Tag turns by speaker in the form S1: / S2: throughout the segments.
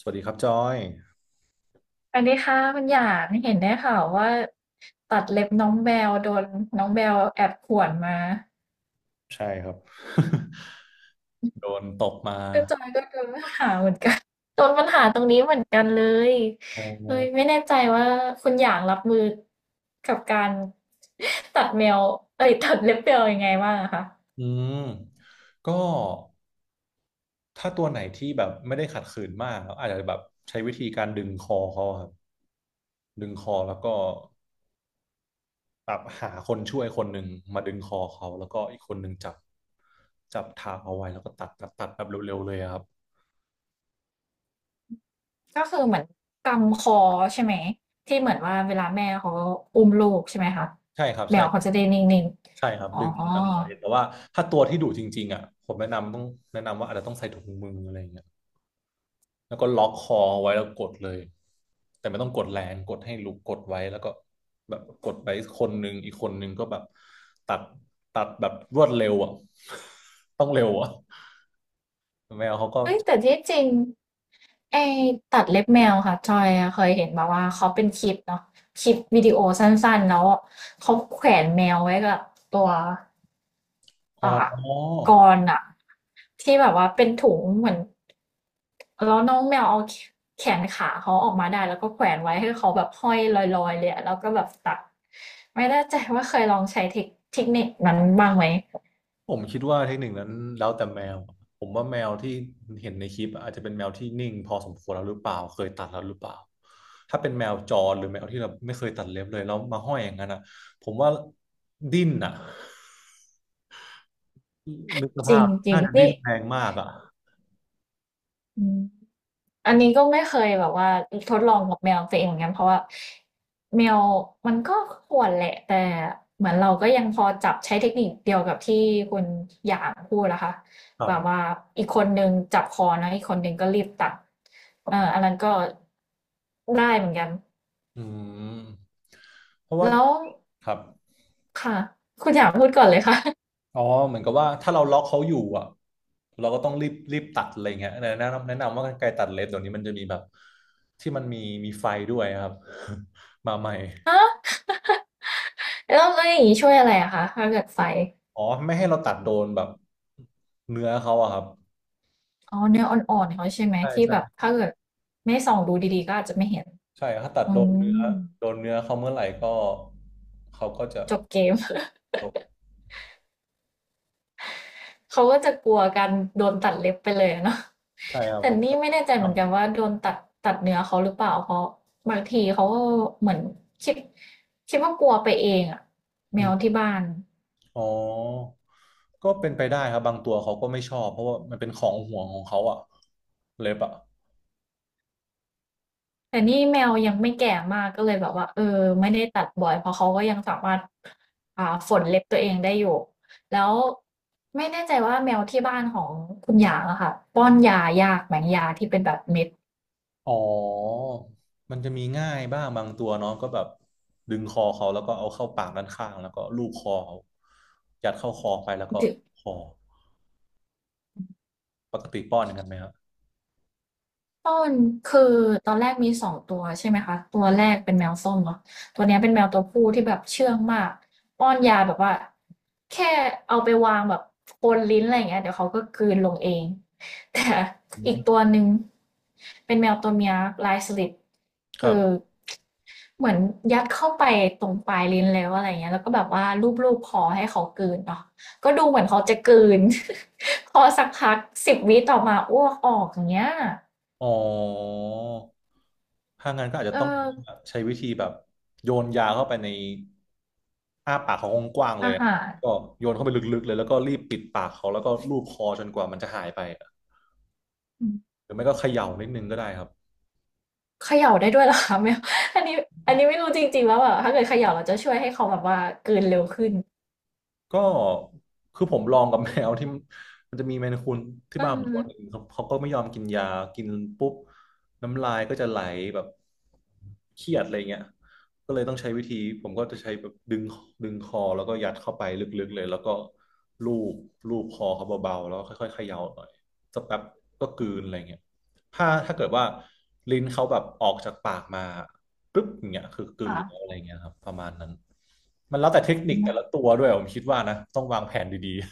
S1: สวัสดีครับจอย
S2: อันนี้ค่ะคุณหยางเห็นได้ข่าวว่าตัดเล็บน้องแบลโดนน้องแบลแอบข่วนมา
S1: ใช่ครับ โดนตกมา
S2: ก็จอยก็โดนปัญหาเหมือนกันโดนปัญหาตรงนี้เหมือนกันเลย
S1: อ๋อ
S2: เลยไม่แน่ใจว่าคุณหยางรับมือกับการตัดแมวเอ้ยตัดเล็บแมวยังไงบ้างอะคะ
S1: อืมก็ถ้าตัวไหนที่แบบไม่ได้ขัดขืนมากอาจจะแบบใช้วิธีการดึงคอเขาอะครับดึงคอแล้วก็แบบหาคนช่วยคนหนึ่งมาดึงคอเขาแล้วก็อีกคนหนึ่งจับจับทางเอาไว้แล้วก็ตัดตัดแบบเร็วๆเลยอะครับ
S2: ก็คือเหมือนกำคอใช่ไหมที่เหมือนว่าเวลาแม่เขาอุ้มลูกใช่ไหมคะ
S1: ใช่ครับ
S2: แมวเขา
S1: ใช่
S2: จะได้นิ่ง
S1: ใช่ครับ
S2: ๆอ๋อ
S1: ดึงมันเลยแต่ว่าถ้าตัวที่ดุจริงๆอ่ะผมแนะนำต้องแนะนำว่าอาจจะต้องใส่ถุงมืออะไรอย่างเงี้ย แล้วก็ล็อกคอไว้แล้วกดเลยแต่ไม่ต้องกดแรงกดให้ลุกกดไว้แล้วก็แบบกดไปคนหนึ่งอีกคนหนึ่งก็แบบตัดตัดแบบรวดเร็วอ่ะ ต้องเร็วอ่ะแมวเขาก็
S2: เอ้ยแต่ที่จริงไอ้ตัดเล็บแมวค่ะจอยอะเคยเห็นมาว่าเขาเป็นคลิปเนาะคลิปวิดีโอสั้นๆแล้วเขาแขวนแมวไว้กับตัว
S1: อ๋อ
S2: อ่ากรอะที่แบบว่าเป็นถุงเหมือนแล้วน้องแมวเอาแขนขาเขาออกมาได้แล้วก็แขวนไว้ให้เขาแบบห้อยลอยๆเลยอะแล้วก็แบบตัดไม่แน่ใจว่าเคยลองใช้เทคนิคนั้นบ้างไหม
S1: ผมคิดว่าเทคนิคนั้นแล้วแต่แมวผมว่าแมวที่เห็นในคลิปอาจจะเป็นแมวที่นิ่งพอสมควรแล้วหรือเปล่าเคยตัดแล้วหรือเปล่าถ้าเป็นแมวจรหรือแมวที่เราไม่เคยตัดเล็บเลยแล้วมาห้อยอย่างนั้นอ่ะผมว่าดิ้นอ่ะ นึกส
S2: จริ
S1: ภาพ
S2: งจริ
S1: น่า
S2: ง
S1: จะดิ้
S2: นี่
S1: นแรงมากอ่ะ
S2: อืม อันนี้ก็ไม่เคยแบบว่าทดลองกับแมวตัวเองเหมือนกันเพราะว่าแมวมันก็ข่วนแหละแต่เหมือนเราก็ยังพอจับใช้เทคนิคเดียวกับที่คุณหยางพูดนะคะ
S1: ครั
S2: แบ
S1: บ
S2: บว่าอีกคนหนึงจับคอนะอีกคนหนึงก็รีบตัดอันนั้นก็ได้เหมือนกัน
S1: อืมเพราะว่า
S2: แล้ว
S1: ครับ
S2: ค่ะคุณหยางพูดก่อนเลยค่ะ
S1: อ๋อเหมือนกับว่าถ้าเราล็อกเขาอยู่อ่ะเราก็ต้องรีบตัดอะไรเงี้ยแนะนำว่ากรรไกรตัดเล็บเดี๋ยวนี้มันจะมีแบบที่มันมีมีไฟด้วยครับ มาใหม่
S2: ฮะแล้วแล้วอย่างนี้ช่วยอะไรอะคะถ้าเกิดไฟ
S1: อ๋อไม่ให้เราตัดโดนแบบเนื้อเขาอะครับ
S2: อ๋อเนื้ออ่อนๆเขาใช่ไหม
S1: ใช่
S2: ที่
S1: ใช่
S2: แบบถ้าเกิดไม่ส่องดูดีๆก็อาจจะไม่เห็น
S1: ใช่ถ้าตัด
S2: อื
S1: โดนเนื้อ
S2: ม
S1: โดนเนื้อเขาเมื่อไหร่ก็เขาก็จะ
S2: จบเกม
S1: ตก
S2: เขาก็จะกลัวการโดนตัดเล็บไปเลยเนาะ
S1: ใช่ครั บ
S2: แต่
S1: เพราก็
S2: นี่
S1: จะ
S2: ไม่แน่ใจ
S1: ค
S2: เห
S1: รั
S2: มือนกัน
S1: บ
S2: ว่าโดนตัดเนื้อเขาหรือเปล่าเพราะบางทีเขาก็เหมือนคิดคิดว่ากลัวไปเองอะแมวที่บ้าน
S1: อ๋อก็เป็นไปได้ครับบางตัวเขาก็ไม่ชอบเพราะว่ามันเป็นของห่วงของเขาอะเล็บอะ
S2: แต่นี่แมวยังไม่แก่มากก็เลยแบบว่าเออไม่ได้ตัดบ่อยเพราะเขาก็ยังสามารถอ่าฝนเล็บตัวเองได้อยู่แล้วไม่แน่ใจว่าแมวที่บ้านของคุณหยางอะค่ะป้อนยายากไหมยาที่เป็นแบบเม็ด
S1: อ๋อมันจะมีง่ายบ้างบางตัวเนาะก็แบบดึงคอเขาแล้วก็เอาเข้าปากด้านข้างแล้วก็ลูบคอเขายัดเข้าคอไปแล้วก็คอปกติป้อนอย่างนั้นไหมครับ
S2: ต้นคือตอนแรกมีสองตัวใช่ไหมคะตัวแรกเป็นแมวส้มเนาะตัวเนี้ยเป็นแมวตัวผู้ที่แบบเชื่องมากป้อนยาแบบว่าแค่เอาไปวางแบบบนลิ้นอะไรอย่างเงี้ยเดี๋ยวเขาก็กลืนลงเองแต่
S1: อื
S2: อีกตั
S1: ม
S2: วหนึ่งเป็นแมวตัวเมียลายสลิด
S1: ครั
S2: คือ
S1: บ
S2: เหมือนยัดเข้าไปตรงปลายลิ้นแล้วอะไรเงี้ยแล้วก็แบบว่าลูบๆคอให้เขากลืนเนาะก็ดูเหมือนเขาจะกลืน พอสักพักสิบวิต่อมาอ้วกออกอย่างเงี้ย
S1: อ๋อถ้างั้นก็อาจจะ
S2: เออ
S1: ต้องใช้วิธีแบบโยนยาเข้าไปในอ้าปากเขากว้างๆเล
S2: อา
S1: ยอะ
S2: หาร
S1: ก็โยนเข้าไปลึกๆเลยแล้วก็รีบปิดปากเขาแล้วก็ลูบคอจนกว่ามันจะหายไปอะ
S2: อืม
S1: หรือไม่ก็เขย่านิดนึงก็ได้ครับ
S2: เขย่าได้ด้วยเหรอคะไม่อันนี้อันนี้ไม่รู้จริงๆว่าแบบถ้าเกิดเขย่าเราจะช่วยให้เขาแบบว่ากลืนเร็วขึ้น
S1: ก็คือผมลองกับแมวที่ มันจะมีแมนคูนที่
S2: เออ
S1: บ้านผมตัวหนึ่งเขาก็ไม่ยอมกินยากินปุ๊บน้ำลายก็จะไหลแบบเครียดอะไรเงี้ยก็เลยต้องใช้วิธีผมก็จะใช้แบบดึงคอแล้วก็ยัดเข้าไปลึกๆเลยแล้วก็ลูบลูบคอเขาเบาๆแล้วก็ค่อยๆเขย่าหน่อยสักแป๊บก็กลืนอะไรเงี้ยถ้าเกิดว่าลิ้นเขาแบบออกจากปากมา ปึ๊บอย่างเงี้ยคือกลืนแล้ว
S2: ค่ะ
S1: อะไรเงี้ยครับประมาณนั้นมันแล้วแต่เทคนิ
S2: อื
S1: คแต่ละ
S2: ม
S1: ตัวด้วยผมคิดว่านะต้องวางแผนดีๆ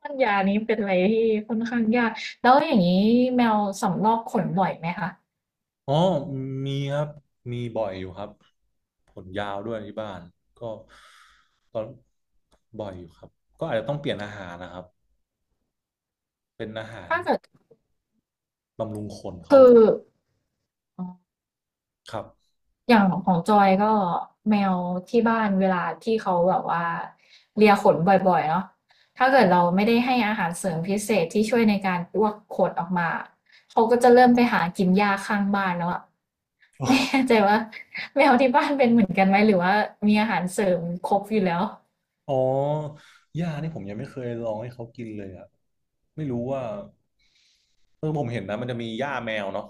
S2: ป้อนยานี้เป็นอะไรที่ค่อนข้างยากแล้วอย่างนี้แมวสำรอกขนบ่อยไหมคะ
S1: อ๋อมีครับมีบ่อยอยู่ครับผลยาวด้วยที่บ้านก็ก็บ่อยอยู่ครับก็อาจจะต้องเปลี่ยนอาหารนะครับเป็นอาหาร
S2: ถ้าเกิด
S1: บำรุงคน
S2: คื
S1: เขา
S2: ออ๋อ
S1: ครับ
S2: อย่างของจอยก็แมวที่บ้านเวลาที่เขาแบบว่าเลียขนบ่อยๆเนาะถ้าเกิดเราไม่ได้ให้อาหารเสริมพิเศษที่ช่วยในการลวกขนออกมาเขาก็จะเริ่มไปหากินหญ้าข้างบ้านแล้วอะ ไม่แน่ใจว่าแมวที่บ้านเป็นเหมือนกันไหมหรือว่ามีอาหารเสริมครบอยู่แล้ว
S1: อ๋อหญ้านี่ผมยังไม่เคยลองให้เขากินเลยอะไม่รู้ว่าเออผมเห็นนะมันจะมีหญ้าแมวเนาะ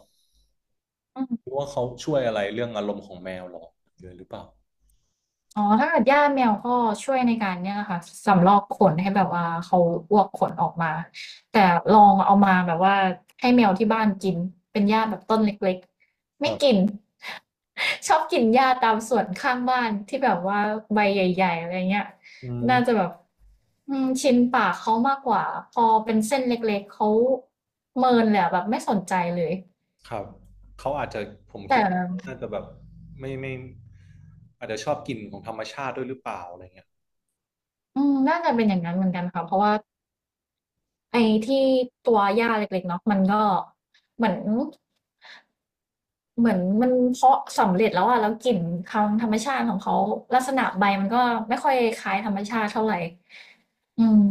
S1: ไม่รู้ว่าเขาช่วยอะไรเรื่องอารมณ์ของแมวหรอเยอะหรือเปล่า
S2: อ๋อถ้าเกิดหญ้าแมวก็ช่วยในการเนี่ยค่ะสำรอกขนให้แบบว่าเขาอ้วกขนออกมาแต่ลองเอามาแบบว่าให้แมวที่บ้านกินเป็นหญ้าแบบต้นเล็กๆ
S1: เอ
S2: ไม่
S1: อ
S2: กิน ชอบกินหญ้าตามสวนข้างบ้านที่แบบว่าใบใหญ่ๆอะไรเงี้ย
S1: อื
S2: น่าจะ
S1: ม
S2: แบบอืมชินปากเขามากกว่าพอเป็นเส้นเล็กๆเขาเมินเลยอะแบบไม่สนใจเลย
S1: ครับเขาอาจจะผม
S2: แต่
S1: คิดว่าเขาน่าจะแบบไม่ไม่อาจจะชอบกลิ่นของธรรมชาติด้วยหรือเปล่าอะไรเงี้ย
S2: อืมน่าจะเป็นอย่างนั้นเหมือนกันค่ะเพราะว่า ไอ้ที่ตัวหญ้าเล็กๆเนาะมันก็เหมือนเหมือนมันเพาะสำเร็จแล้วอะแล้วกลิ่นทางธรรมชาติของเขาลักษณะใบมันก็ไม่ค่อยคล้ายธรรมชาติเท่าไหร่อืม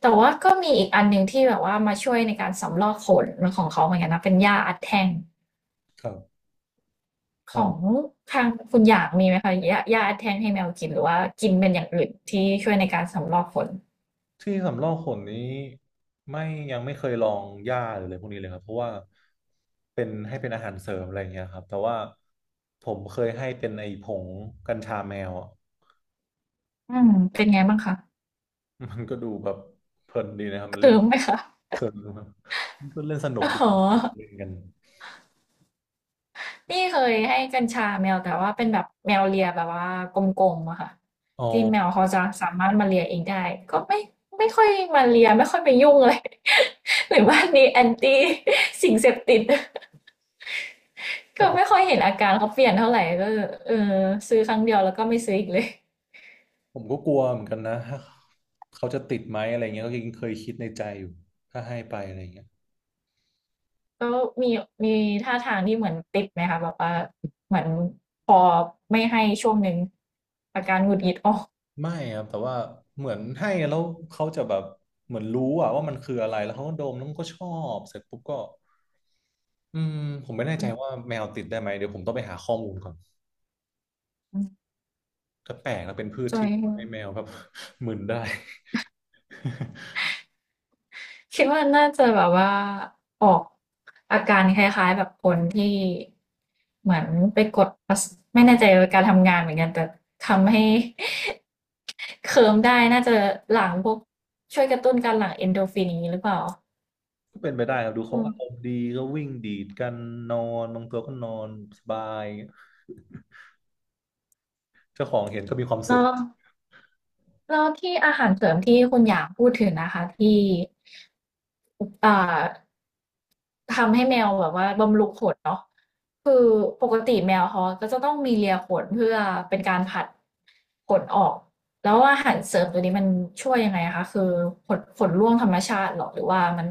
S2: แต่ว่าก็มีอีกอันหนึ่งที่แบบว่ามาช่วยในการสำรอกขนของเขาเหมือนกันนะเป็นหญ้าอัดแท่ง
S1: ครับ
S2: ข
S1: อ๋อ
S2: องทางคุณหยางมีไหมคะหญ้าอัดแท่งให้แมวกินหรือว่ากินเป็นอย่างอื่นที่ช่วยในการสำรอกขน
S1: ที่สำรอกขนนี้ไม่ยังไม่เคยลองหญ้าหรืออะไรพวกนี้เลยครับเพราะว่าเป็นให้เป็นอาหารเสริมอะไรอย่างเงี้ยครับแต่ว่าผมเคยให้เป็นไอ้ผงกัญชาแมวอะ
S2: อืมเป็นไงบ้างคะ
S1: มันก็ดูแบบเพลินดีนะครับมันเล่
S2: เคื
S1: น
S2: มไหมคะ
S1: เพลินมันก็เล่นสนุ ก
S2: อ๋
S1: ดี
S2: อ
S1: นะเล่นกัน
S2: นี่เคยให้กัญชาแมวแต่ว่าเป็นแบบแมวเลียแบบว่ากลมๆอะค่ะ
S1: อ๋อ
S2: ที่แมวเขาจะสามารถมาเลียเองได้ก็ไม่ค่อยมาเลียไม่ค่อยไปยุ่งเลย หรือว่านี่แอนตี้สิ่งเสพติด
S1: แต่
S2: ก็
S1: ผ
S2: ไม่
S1: ม
S2: ค่อยเห็นอาการเขาเปลี่ยนเท่าไหร่ก็เออซื้อครั้งเดียวแล้วก็ไม่ซื้ออีกเลย
S1: ผมก็กลัวเหมือนกันนะถ้าเขาจะติดไหมอะไรเงี้ยก็ยังเคยคิดในใจอยู่ถ้าให้ไปอะไรเงี้ย
S2: ก็มีมีท่าทางที่เหมือนติดไหมคะแบบว่าเหมือนพอไม่ให้ช่วงหนึ่งอาการหงุดหงิดออก
S1: ไม่ครับแต่ว่าเหมือนให้แล้วเขาจะแบบเหมือนรู้อะว่ามันคืออะไรแล้วเขาก็ดมแล้วมันก็ชอบเสร็จปุ๊บก็อืมผมไม่แน่ใจว่าแมวติดได้ไหมเดี๋ยวผมต้องไปหาข้อมูลก่อนก็แปลกแล้วเป็นพืช
S2: จอ
S1: ที่
S2: ย
S1: ทำให้แมวแบบ มึนได้
S2: คิดว่าน่าจะแบบว่าออกอาการคล้ายๆแบบคนที่เหมือนไปกดประสไม่แน่ใจว่าการทำงานเหมือนกันแต่ทำให้ เคิมได้น่าจะหลั่งพวกช่วยกระตุ้นการหลั่งเอนโดรฟินอย่างนี้หรือเปล่า
S1: ก็เป็นไปได้ครับดูเขา
S2: อืม
S1: อารมณ์ดีก็วิ่งดีดกันนอนบางตัวก็นอนสบายเจ้าของเห็นก็มีความ
S2: แล้
S1: สุข
S2: วแล้วที่อาหารเสริมที่คุณอยากพูดถึงนะคะที่อ่า ทำให้แมวแบบว่าบำรุงขนเนาะคือปกติแมวเขาก็จะต้องมีเลียขนเพื่อเป็นการผลัดขนออกแล้วอาหารเสริมตัวนี้มันช่วยยังไงคะคือขนร่วงธรรมชาติเหรอหรือว่ามัน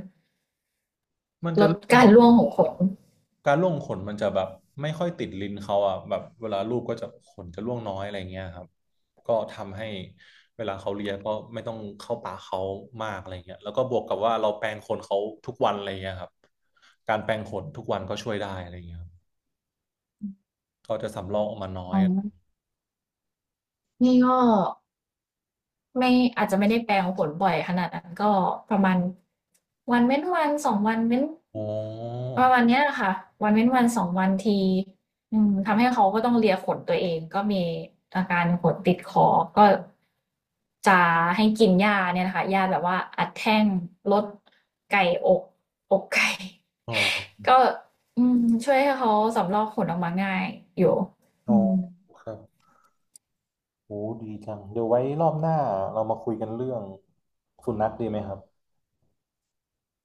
S1: มัน
S2: ล
S1: จะ
S2: ด
S1: เริ่ม
S2: กา
S1: น
S2: ร
S1: อน
S2: ร่วงของขน
S1: การร่วงขนมันจะแบบไม่ค่อยติดลิ้นเขาอ่ะแบบเวลาลูบก็จะขนจะร่วงน้อยอะไรเงี้ยครับก็ทำให้เวลาเขาเลียก็ไม่ต้องเข้าปากเขามากอะไรเงี้ยแล้วก็บวกกับว่าเราแปรงขนเขาทุกวันอะไรเงี้ยครับการแปรงขนทุกวันก็ช่วยได้อะไรเงี้ยครับเขาจะสำรอกออกมาน้อ
S2: อ๋
S1: ย
S2: อนี่ก็ ไม่อาจจะไม่ได้แปลงผลบ่อยขนาดนั้นก็ประมาณวันเว้นวัน2วันเว้น
S1: อ๋อ
S2: ประมาณเนี้ยค่ะวันเว้นวัน2วันทีอืมทำให้เขาก็ต้องเลียขนตัวเองก็มีอาการขนติดคอก็จะให้กินยาเนี่ยนะคะยาแบบว่าอัดแท่งลดไก่อกอกไก่
S1: อ๋อ
S2: ก็อืมช่วยให้เขาสำรอกขนออกมาง่ายอยู่
S1: อ๋
S2: อื
S1: อ
S2: ม
S1: ครับโอ้ดีจังเดี๋ยวไว้รอบหน้าเรามาคุยกันเรื่องสุนัขดีไหมครับ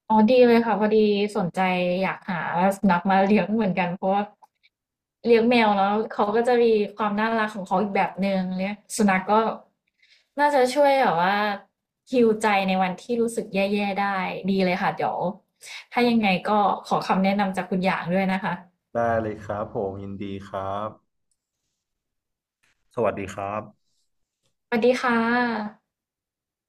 S2: อ๋อดีเลยค่ะพอดีสนใจอยากหาสุนัขมาเลี้ยงเหมือนกัน เพราะว่าเลี้ยงแมวแล้วเขาก็จะมีความน่ารักของเขาอีกแบบหนึ่งเลี้ยงสุนัขก็น่าจะช่วยแบบว่าฮีลใจในวันที่รู้สึกแย่ๆได้ดีเลยค่ะเดี๋ยวถ้ายังไงก็ขอคำแนะนำจากคุณอย่างด้วยนะคะ
S1: ได้เลยครับผมยินดีครับสวัสดีครับ
S2: สวัสดีค่ะ